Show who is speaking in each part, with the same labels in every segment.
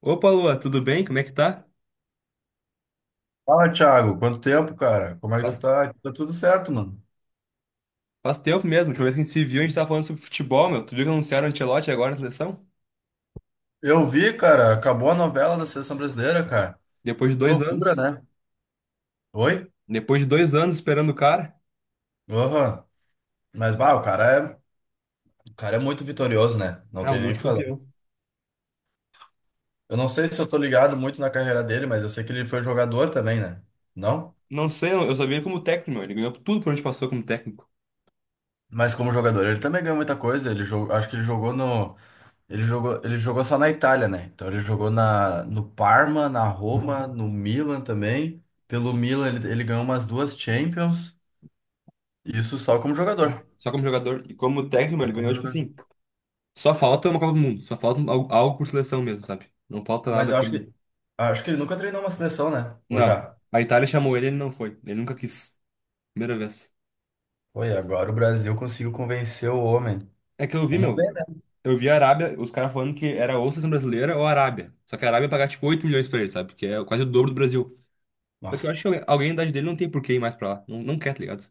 Speaker 1: Opa, Lua, tudo bem? Como é que tá?
Speaker 2: Fala, Thiago. Quanto tempo, cara? Como é que tu
Speaker 1: Faz,
Speaker 2: tá? Aqui, tá tudo certo, mano.
Speaker 1: faz tempo mesmo. A última vez que a gente se viu, a gente tava falando sobre futebol, meu. Tu viu que anunciaram o Ancelotti agora na seleção?
Speaker 2: Eu vi, cara, acabou a novela da Seleção Brasileira, cara.
Speaker 1: Depois de
Speaker 2: Que
Speaker 1: dois
Speaker 2: loucura,
Speaker 1: anos.
Speaker 2: né? Oi?
Speaker 1: Depois de 2 anos esperando o cara.
Speaker 2: Aham. Mas, bah, o cara é muito vitorioso, né? Não
Speaker 1: Ah, um
Speaker 2: tem nem o que falar.
Speaker 1: multicampeão.
Speaker 2: Eu não sei se eu tô ligado muito na carreira dele, mas eu sei que ele foi jogador também, né? Não?
Speaker 1: Não sei, eu só vi ele como técnico, meu. Ele ganhou tudo por onde passou como técnico.
Speaker 2: Mas como jogador, ele também ganhou muita coisa. Ele jogou, acho que ele jogou no Ele jogou, só na Itália, né? Então ele jogou no Parma, na Roma, no Milan também. Pelo Milan ele ganhou umas duas Champions. Isso só como
Speaker 1: Bah.
Speaker 2: jogador.
Speaker 1: Só como jogador. E como técnico, meu,
Speaker 2: Só
Speaker 1: ele
Speaker 2: como
Speaker 1: ganhou, tipo
Speaker 2: jogador.
Speaker 1: assim. Só falta uma Copa do Mundo. Só falta algo por seleção mesmo, sabe? Não falta
Speaker 2: Mas
Speaker 1: nada
Speaker 2: eu acho
Speaker 1: como.
Speaker 2: que ele nunca treinou uma seleção, né? Ou
Speaker 1: Não.
Speaker 2: já?
Speaker 1: A Itália chamou ele, ele não foi. Ele nunca quis. Primeira vez.
Speaker 2: Foi, agora o Brasil conseguiu convencer o homem.
Speaker 1: É que eu vi,
Speaker 2: Vamos
Speaker 1: meu.
Speaker 2: ver,
Speaker 1: Eu
Speaker 2: né?
Speaker 1: eu vi a Arábia, os caras falando que era ou seleção brasileira ou a Arábia. Só que a Arábia ia pagar tipo 8 milhões pra ele, sabe? Que é quase o dobro do Brasil. Só que eu acho
Speaker 2: Nossa.
Speaker 1: que alguém da idade dele não tem por que ir mais pra lá. Não, não quer, tá ligado?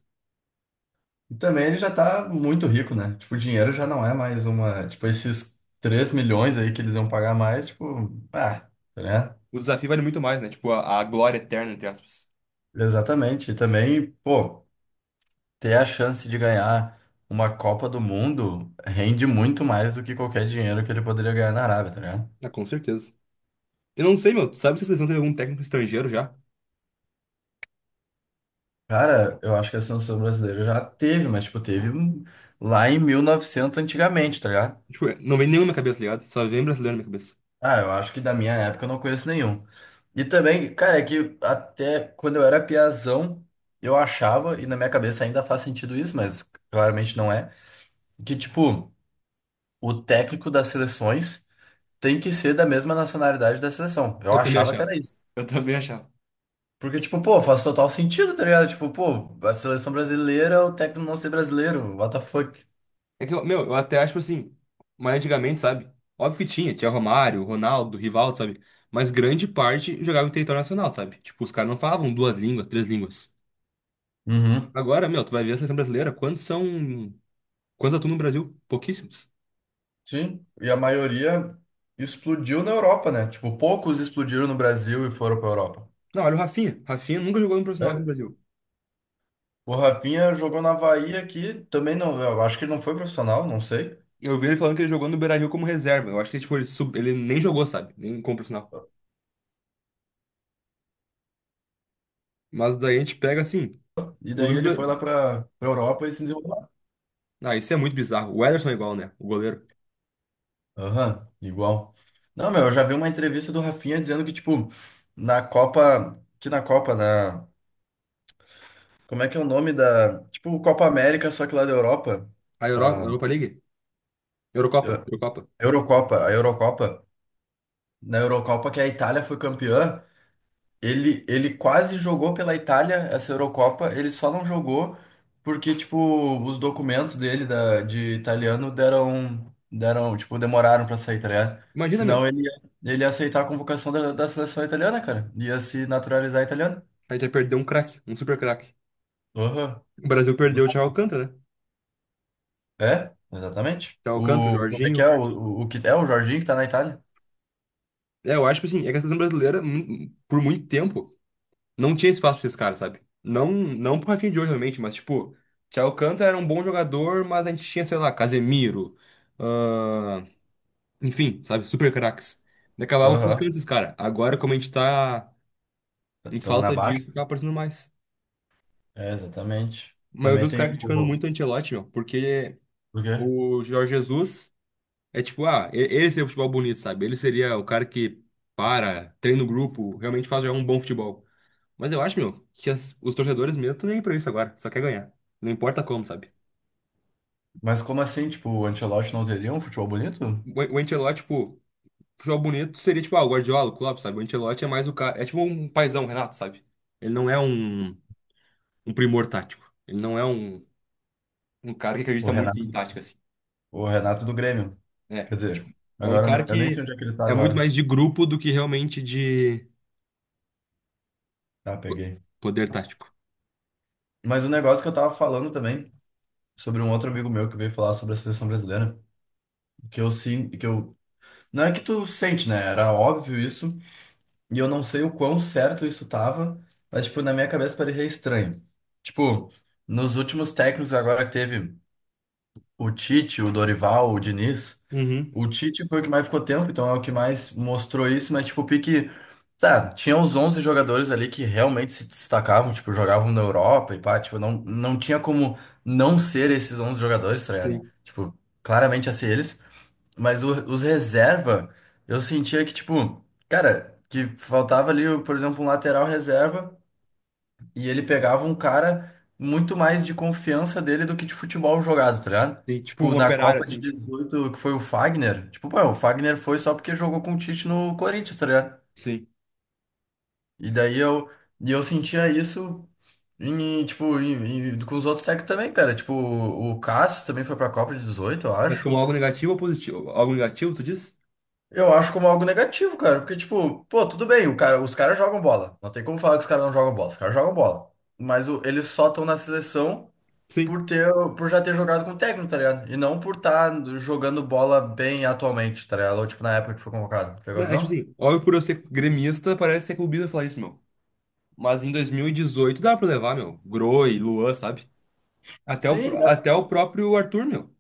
Speaker 2: E também ele já tá muito rico, né? Tipo, o dinheiro já não é mais uma. Tipo, esses 3 milhões aí que eles iam pagar mais, tipo. Ah, né.
Speaker 1: O desafio vale muito mais, né? Tipo, a glória eterna, entre aspas.
Speaker 2: Exatamente. E também, pô, ter a chance de ganhar uma Copa do Mundo rende muito mais do que qualquer dinheiro que ele poderia ganhar na Arábia, tá ligado?
Speaker 1: Ah, com certeza. Eu não sei, meu. Tu sabe se a seleção tem algum técnico estrangeiro já?
Speaker 2: Cara, eu acho que a seleção brasileira já teve, mas, tipo, teve lá em 1900 antigamente, tá ligado?
Speaker 1: Tipo, não vem nenhum na minha cabeça, tá ligado? Só vem brasileiro na minha cabeça.
Speaker 2: Ah, eu acho que da minha época eu não conheço nenhum. E também, cara, é que até quando eu era piazão, eu achava, e na minha cabeça ainda faz sentido isso, mas claramente não é, que, tipo, o técnico das seleções tem que ser da mesma nacionalidade da seleção. Eu
Speaker 1: Eu também
Speaker 2: achava que
Speaker 1: achava.
Speaker 2: era isso.
Speaker 1: Eu também achava.
Speaker 2: Porque, tipo, pô, faz total sentido, tá ligado? Tipo, pô, a seleção brasileira, o técnico não ser brasileiro, what the fuck.
Speaker 1: É que, meu, eu até acho assim, mas antigamente, sabe? Óbvio que tinha Romário, Ronaldo, Rivaldo, sabe? Mas grande parte jogava em território nacional, sabe? Tipo, os caras não falavam duas línguas, três línguas.
Speaker 2: Uhum.
Speaker 1: Agora, meu, tu vai ver a seleção brasileira, quantos são. Quantos atuam no Brasil? Pouquíssimos.
Speaker 2: Sim, e a maioria explodiu na Europa, né? Tipo, poucos explodiram no Brasil e foram pra Europa.
Speaker 1: Não, olha o Rafinha. Rafinha nunca jogou no profissional aqui no
Speaker 2: É.
Speaker 1: Brasil.
Speaker 2: O Rafinha jogou na Havaí aqui, também não, eu acho que ele não foi profissional, não sei.
Speaker 1: Eu vi ele falando que ele jogou no Beira-Rio como reserva. Eu acho que, tipo, ele nem jogou, sabe? Nem como profissional. Mas daí a gente pega, assim,
Speaker 2: E
Speaker 1: o
Speaker 2: daí
Speaker 1: grupo...
Speaker 2: ele foi
Speaker 1: bra-
Speaker 2: lá pra Europa e se desenvolveu lá.
Speaker 1: Ah, isso é muito bizarro. O Ederson é igual, né? O goleiro.
Speaker 2: Aham, igual. Não, meu, eu já vi uma entrevista do Rafinha dizendo que, tipo, na Copa, que na Copa, né? Como é que é o nome da. Tipo, o Copa América, só que lá da Europa.
Speaker 1: A
Speaker 2: A
Speaker 1: Europa League? Eurocopa.
Speaker 2: Eu-
Speaker 1: Eurocopa.
Speaker 2: Eurocopa. Na Eurocopa que a Itália foi campeã, ele quase jogou pela Itália essa Eurocopa, ele só não jogou porque, tipo, os documentos dele da, de italiano tipo, demoraram pra sair, tá ligado?
Speaker 1: Imagina, meu,
Speaker 2: Senão ele ia aceitar a convocação da seleção italiana, cara. Ia se naturalizar italiano.
Speaker 1: a gente vai perder um craque, um super craque.
Speaker 2: Aham.
Speaker 1: O Brasil perdeu o Thiago Alcântara, né?
Speaker 2: É, exatamente.
Speaker 1: Thiago Alcântara, o
Speaker 2: Como é
Speaker 1: Jorginho.
Speaker 2: que é? O que é o Jorginho que tá na Itália?
Speaker 1: É, eu acho que assim, é que a seleção brasileira, por muito tempo, não tinha espaço pra esses caras, sabe? Não, não pro Rafinha de hoje, realmente, mas tipo, Thiago Alcântara era um bom jogador, mas a gente tinha, sei lá, Casemiro, ahn, enfim, sabe? Super craques. E acabava ofuscando
Speaker 2: Aham.
Speaker 1: esses caras. Agora, como a gente tá em
Speaker 2: Estamos na
Speaker 1: falta
Speaker 2: baixa.
Speaker 1: disso, acaba aparecendo mais.
Speaker 2: É, exatamente.
Speaker 1: Mas eu vi
Speaker 2: Também
Speaker 1: os caras
Speaker 2: tem
Speaker 1: criticando
Speaker 2: o.
Speaker 1: muito o Ancelotti, meu, porque
Speaker 2: O quê?
Speaker 1: o Jorge Jesus. É tipo, ah, ele seria o futebol bonito, sabe? Ele seria o cara que para, treina o grupo, realmente faz jogar um bom futebol. Mas eu acho, meu, que os torcedores mesmo estão nem aí pra isso agora, só quer ganhar. Não importa como, sabe?
Speaker 2: Mas como assim? Tipo, o Ancelotti não teria um futebol bonito?
Speaker 1: O Ancelotti, tipo, futebol bonito seria tipo, ah, o Guardiola, o Klopp, sabe? O Ancelotti é mais o cara, é tipo um paizão, o Renato, sabe? Ele não é um primor tático. Ele não é um cara que
Speaker 2: O
Speaker 1: acredita muito em
Speaker 2: Renato,
Speaker 1: tática, assim.
Speaker 2: o Renato do Grêmio.
Speaker 1: É,
Speaker 2: Quer
Speaker 1: tipo,
Speaker 2: dizer,
Speaker 1: é um
Speaker 2: agora eu
Speaker 1: cara
Speaker 2: nem sei
Speaker 1: que
Speaker 2: onde é que ele tá
Speaker 1: é muito
Speaker 2: agora.
Speaker 1: mais de grupo do que realmente de
Speaker 2: Tá,
Speaker 1: po-
Speaker 2: peguei.
Speaker 1: poder tático.
Speaker 2: Mas o negócio que eu tava falando também, sobre um outro amigo meu que veio falar sobre a seleção brasileira, que eu sim, que eu. Não é que tu sente, né? Era óbvio isso. E eu não sei o quão certo isso tava, mas, tipo, na minha cabeça parecia estranho. Tipo, nos últimos técnicos agora que teve o Tite, o Dorival, o Diniz,
Speaker 1: Uhum.
Speaker 2: o Tite foi o que mais ficou tempo, então é o que mais mostrou isso, mas, tipo, o pique... Tá, tinha os 11 jogadores ali que realmente se destacavam, tipo, jogavam na Europa e pá, tipo, não, não tinha como não ser esses 11 jogadores, tá ligado?
Speaker 1: Sim.
Speaker 2: Tipo, claramente ia ser eles. Mas os reserva, eu sentia que, tipo, cara, que faltava ali, por exemplo, um lateral reserva e ele pegava um cara muito mais de confiança dele do que de futebol jogado, tá ligado?
Speaker 1: Sim, tipo um
Speaker 2: Tipo, na
Speaker 1: operário,
Speaker 2: Copa de
Speaker 1: assim.
Speaker 2: 18 que foi o Fagner, tipo, pô, o Fagner foi só porque jogou com o Tite no Corinthians, tá ligado?
Speaker 1: Sim.
Speaker 2: E daí eu sentia isso tipo, com os outros técnicos também, cara. Tipo, o Cássio também foi pra Copa de 18 eu
Speaker 1: Mas como
Speaker 2: acho.
Speaker 1: algo negativo ou positivo? Algo negativo, tu diz?
Speaker 2: Eu acho como algo negativo, cara. Porque, tipo, pô, tudo bem, o cara, os caras jogam bola. Não tem como falar que os caras não jogam bola. Os caras jogam bola. Mas eles só estão na seleção
Speaker 1: Sim.
Speaker 2: por ter, por já ter jogado com o técnico, tá ligado? E não por estar jogando bola bem atualmente, tá ligado? Ou, tipo, na época que foi convocado. Pegou a
Speaker 1: Não, é tipo
Speaker 2: visão?
Speaker 1: assim, óbvio por eu ser gremista, parece ser clubista falar isso, meu. Mas em 2018 dá pra levar, meu. Groi, Luan, sabe? Até o,
Speaker 2: Sim,
Speaker 1: pró-
Speaker 2: dá,
Speaker 1: até o próprio Arthur, meu.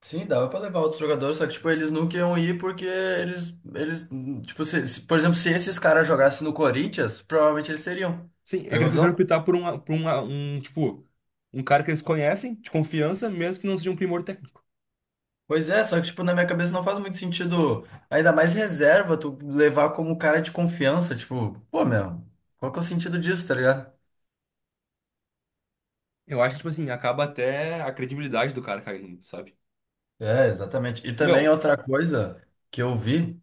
Speaker 2: sim, dava pra levar outros jogadores, só que, tipo, eles nunca iam ir porque eles, tipo, se, por exemplo, se esses caras jogassem no Corinthians, provavelmente eles seriam.
Speaker 1: Sim, é que
Speaker 2: Pegou
Speaker 1: eles
Speaker 2: a
Speaker 1: preferem
Speaker 2: visão?
Speaker 1: optar por um cara que eles conhecem, de confiança, mesmo que não seja um primor técnico.
Speaker 2: Pois é, só que, tipo, na minha cabeça não faz muito sentido, ainda mais reserva, tu levar como cara de confiança, tipo, pô, meu, qual que é o sentido disso, tá ligado?
Speaker 1: Eu acho que, tipo assim, acaba até a credibilidade do cara caindo, sabe?
Speaker 2: É, exatamente. E também
Speaker 1: Meu,
Speaker 2: outra coisa que eu vi,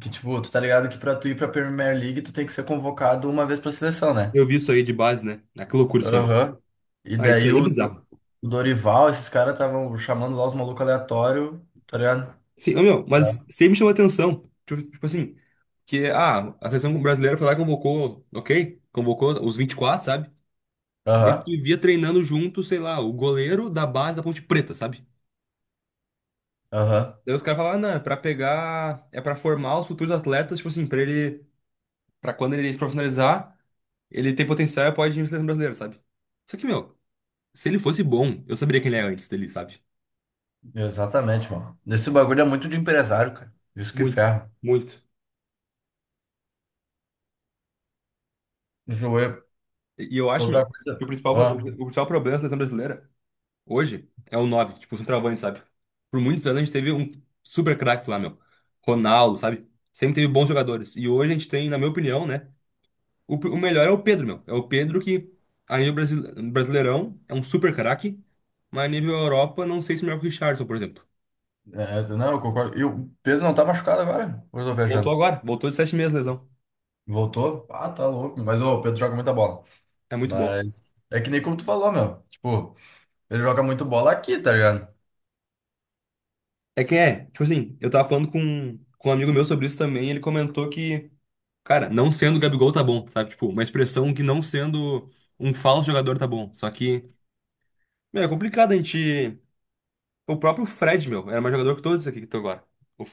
Speaker 2: que, tipo, tu tá ligado que pra tu ir pra Premier League, tu tem que ser convocado uma vez pra seleção, né?
Speaker 1: eu vi isso aí de base, né? Ah, que loucura isso aí, meu.
Speaker 2: Aham. E
Speaker 1: Ah, isso
Speaker 2: daí
Speaker 1: aí é bizarro.
Speaker 2: O Dorival, esses caras estavam chamando lá os malucos aleatórios, tá ligado?
Speaker 1: Sim, ô, meu, mas sempre me chamou atenção. Tipo assim, que a seleção brasileira foi lá e convocou, ok? Convocou os 24, sabe? Daí tu
Speaker 2: Aham,
Speaker 1: via treinando junto, sei lá, o goleiro da base da Ponte Preta, sabe?
Speaker 2: aham.
Speaker 1: Daí os caras falavam, ah, não, é pra pegar, é pra formar os futuros atletas, tipo assim, pra quando ele se profissionalizar, ele tem potencial e pode ir na seleção brasileira, sabe? Só que, meu, se ele fosse bom, eu saberia quem ele é antes dele, sabe?
Speaker 2: Exatamente, mano. Esse bagulho é muito de empresário, cara. Isso que
Speaker 1: Muito,
Speaker 2: ferra.
Speaker 1: muito.
Speaker 2: Joelho.
Speaker 1: E eu acho, meu,
Speaker 2: Outra
Speaker 1: que o
Speaker 2: coisa.
Speaker 1: principal, o, o
Speaker 2: Ó,
Speaker 1: principal problema da seleção brasileira hoje é o 9 tipo, o centroavante, sabe? Por muitos anos a gente teve um super craque lá, meu. Ronaldo, sabe? Sempre teve bons jogadores. E hoje a gente tem, na minha opinião, né? O melhor é o Pedro, meu. É o Pedro que, a nível brasileirão, é um super craque. Mas a nível Europa, não sei se é melhor que o Richarlison, por exemplo.
Speaker 2: é, não, eu concordo. E o Pedro não tá machucado agora? Ou eu tô
Speaker 1: Voltou
Speaker 2: viajando?
Speaker 1: agora, voltou de 7 meses de lesão.
Speaker 2: Voltou? Ah, tá louco. Mas ô, o Pedro joga muita bola.
Speaker 1: É muito bom.
Speaker 2: Mas é que nem como tu falou, meu. Tipo, ele joga muito bola aqui, tá ligado?
Speaker 1: É quem é? Tipo assim, eu tava falando com um amigo meu sobre isso também. Ele comentou que, cara, não sendo o Gabigol tá bom, sabe? Tipo, uma expressão que não sendo um falso jogador tá bom. Só que, meu, é complicado a gente. O próprio Fred, meu, era mais jogador que todos aqui que estão agora.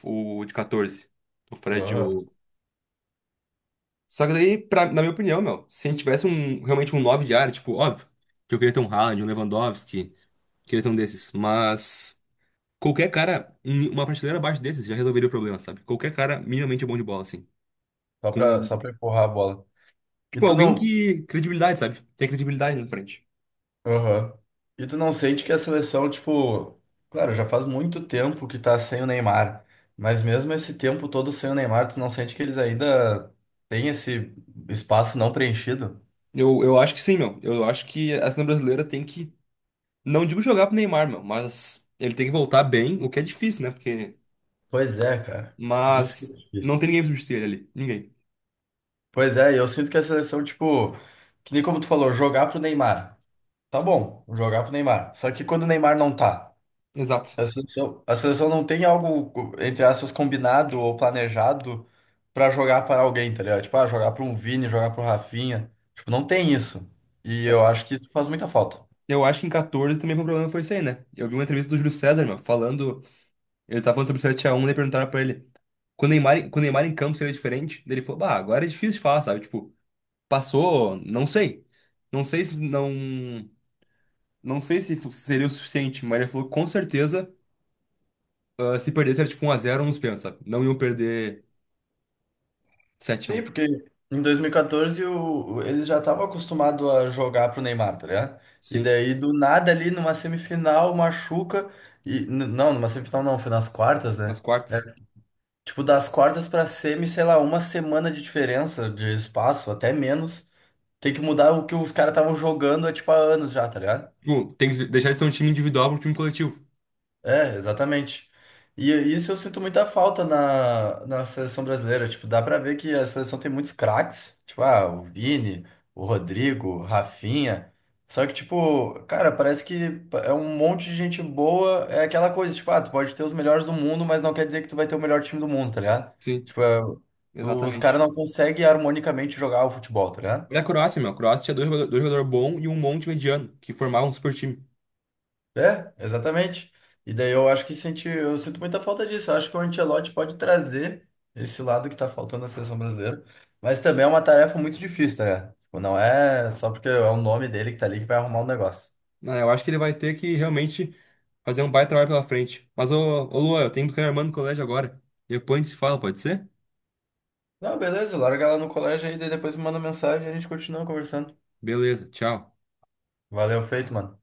Speaker 1: O de 14. O Fred,
Speaker 2: Aham.
Speaker 1: o. Só que daí, na minha opinião, meu, se a gente tivesse realmente um 9 de área, tipo, óbvio, que eu queria ter um Haaland, um Lewandowski, queria ter um desses, mas qualquer cara, em uma prateleira abaixo desses já resolveria o problema, sabe? Qualquer cara minimamente bom de bola, assim.
Speaker 2: Só
Speaker 1: Com,
Speaker 2: pra, só pra empurrar a bola. E
Speaker 1: tipo,
Speaker 2: tu
Speaker 1: alguém
Speaker 2: não.
Speaker 1: que. Credibilidade, sabe? Tem credibilidade na frente.
Speaker 2: Aham. E tu não sente que a seleção, tipo. Claro, já faz muito tempo que tá sem o Neymar. Mas mesmo esse tempo todo sem o Neymar, tu não sente que eles ainda têm esse espaço não preenchido?
Speaker 1: Eu acho que sim, meu. Eu acho que a seleção brasileira tem que, não digo jogar pro Neymar, meu, mas ele tem que voltar bem, o que é difícil, né? Porque.
Speaker 2: Pois é, cara. Isso que é
Speaker 1: Mas não tem
Speaker 2: difícil.
Speaker 1: ninguém pra substituir ele ali. Ninguém.
Speaker 2: Pois é, e eu sinto que a seleção, tipo, que nem como tu falou, jogar pro Neymar. Tá bom, jogar pro Neymar. Só que quando o Neymar não tá,
Speaker 1: Exato.
Speaker 2: a seleção não tem algo, entre aspas, combinado ou planejado pra jogar para alguém, tá ligado? Tipo, ah, jogar pro um Vini, jogar pro Rafinha. Tipo, não tem isso. E
Speaker 1: É,
Speaker 2: eu acho que isso faz muita falta.
Speaker 1: eu acho que em 14 também foi um problema, foi isso aí, né? Eu vi uma entrevista do Júlio César, meu, falando. Ele tava falando sobre o 7x1, daí perguntaram pra ele. Quando o Neymar em campo seria diferente, daí ele falou, bah, agora é difícil de falar, sabe? Tipo, passou, não sei. Não sei se não. Não sei se seria o suficiente, mas ele falou, com certeza, ah, se perdesse era tipo 1 a 0 ou uns pênaltis, sabe? Não iam perder sete a
Speaker 2: Sim,
Speaker 1: um
Speaker 2: porque em 2014 eles já estavam acostumados a jogar pro Neymar, tá ligado? E
Speaker 1: Sim.
Speaker 2: daí do nada ali numa semifinal machuca e não, numa semifinal não, foi nas quartas,
Speaker 1: Nas
Speaker 2: né?
Speaker 1: quartas.
Speaker 2: É, tipo das quartas pra semi, sei lá, uma semana de diferença de espaço, até menos. Tem que mudar o que os caras estavam jogando há tipo há anos já, tá ligado?
Speaker 1: Tipo, tem que deixar de ser um time individual para um time coletivo.
Speaker 2: É, exatamente. E isso eu sinto muita falta na seleção brasileira. Tipo, dá pra ver que a seleção tem muitos craques. Tipo, ah, o Vini, o Rodrigo, o Rafinha. Só que, tipo, cara, parece que é um monte de gente boa. É aquela coisa, tipo, ah, tu pode ter os melhores do mundo, mas não quer dizer que tu vai ter o melhor time do mundo, tá ligado?
Speaker 1: Sim,
Speaker 2: Tipo, os caras
Speaker 1: exatamente.
Speaker 2: não conseguem harmonicamente jogar o futebol, tá ligado?
Speaker 1: Olha a Croácia, meu. A Croácia tinha dois jogadores bons e um monte mediano, que formavam um super time.
Speaker 2: É, exatamente. E daí eu acho que eu sinto muita falta disso. Eu acho que o Ancelotti pode trazer esse lado que tá faltando na seleção brasileira. Mas também é uma tarefa muito difícil, tá ligado? Tipo, não é só porque é o nome dele que tá ali que vai arrumar o negócio.
Speaker 1: Ah, eu acho que ele vai ter que realmente fazer um baita trabalho pela frente. Mas, ô Luan, eu tenho que buscar minha irmã no colégio agora. Depois a gente se fala, pode ser?
Speaker 2: Não, beleza, larga lá no colégio aí, daí depois me manda mensagem e a gente continua conversando.
Speaker 1: Beleza, tchau.
Speaker 2: Valeu, feito, mano.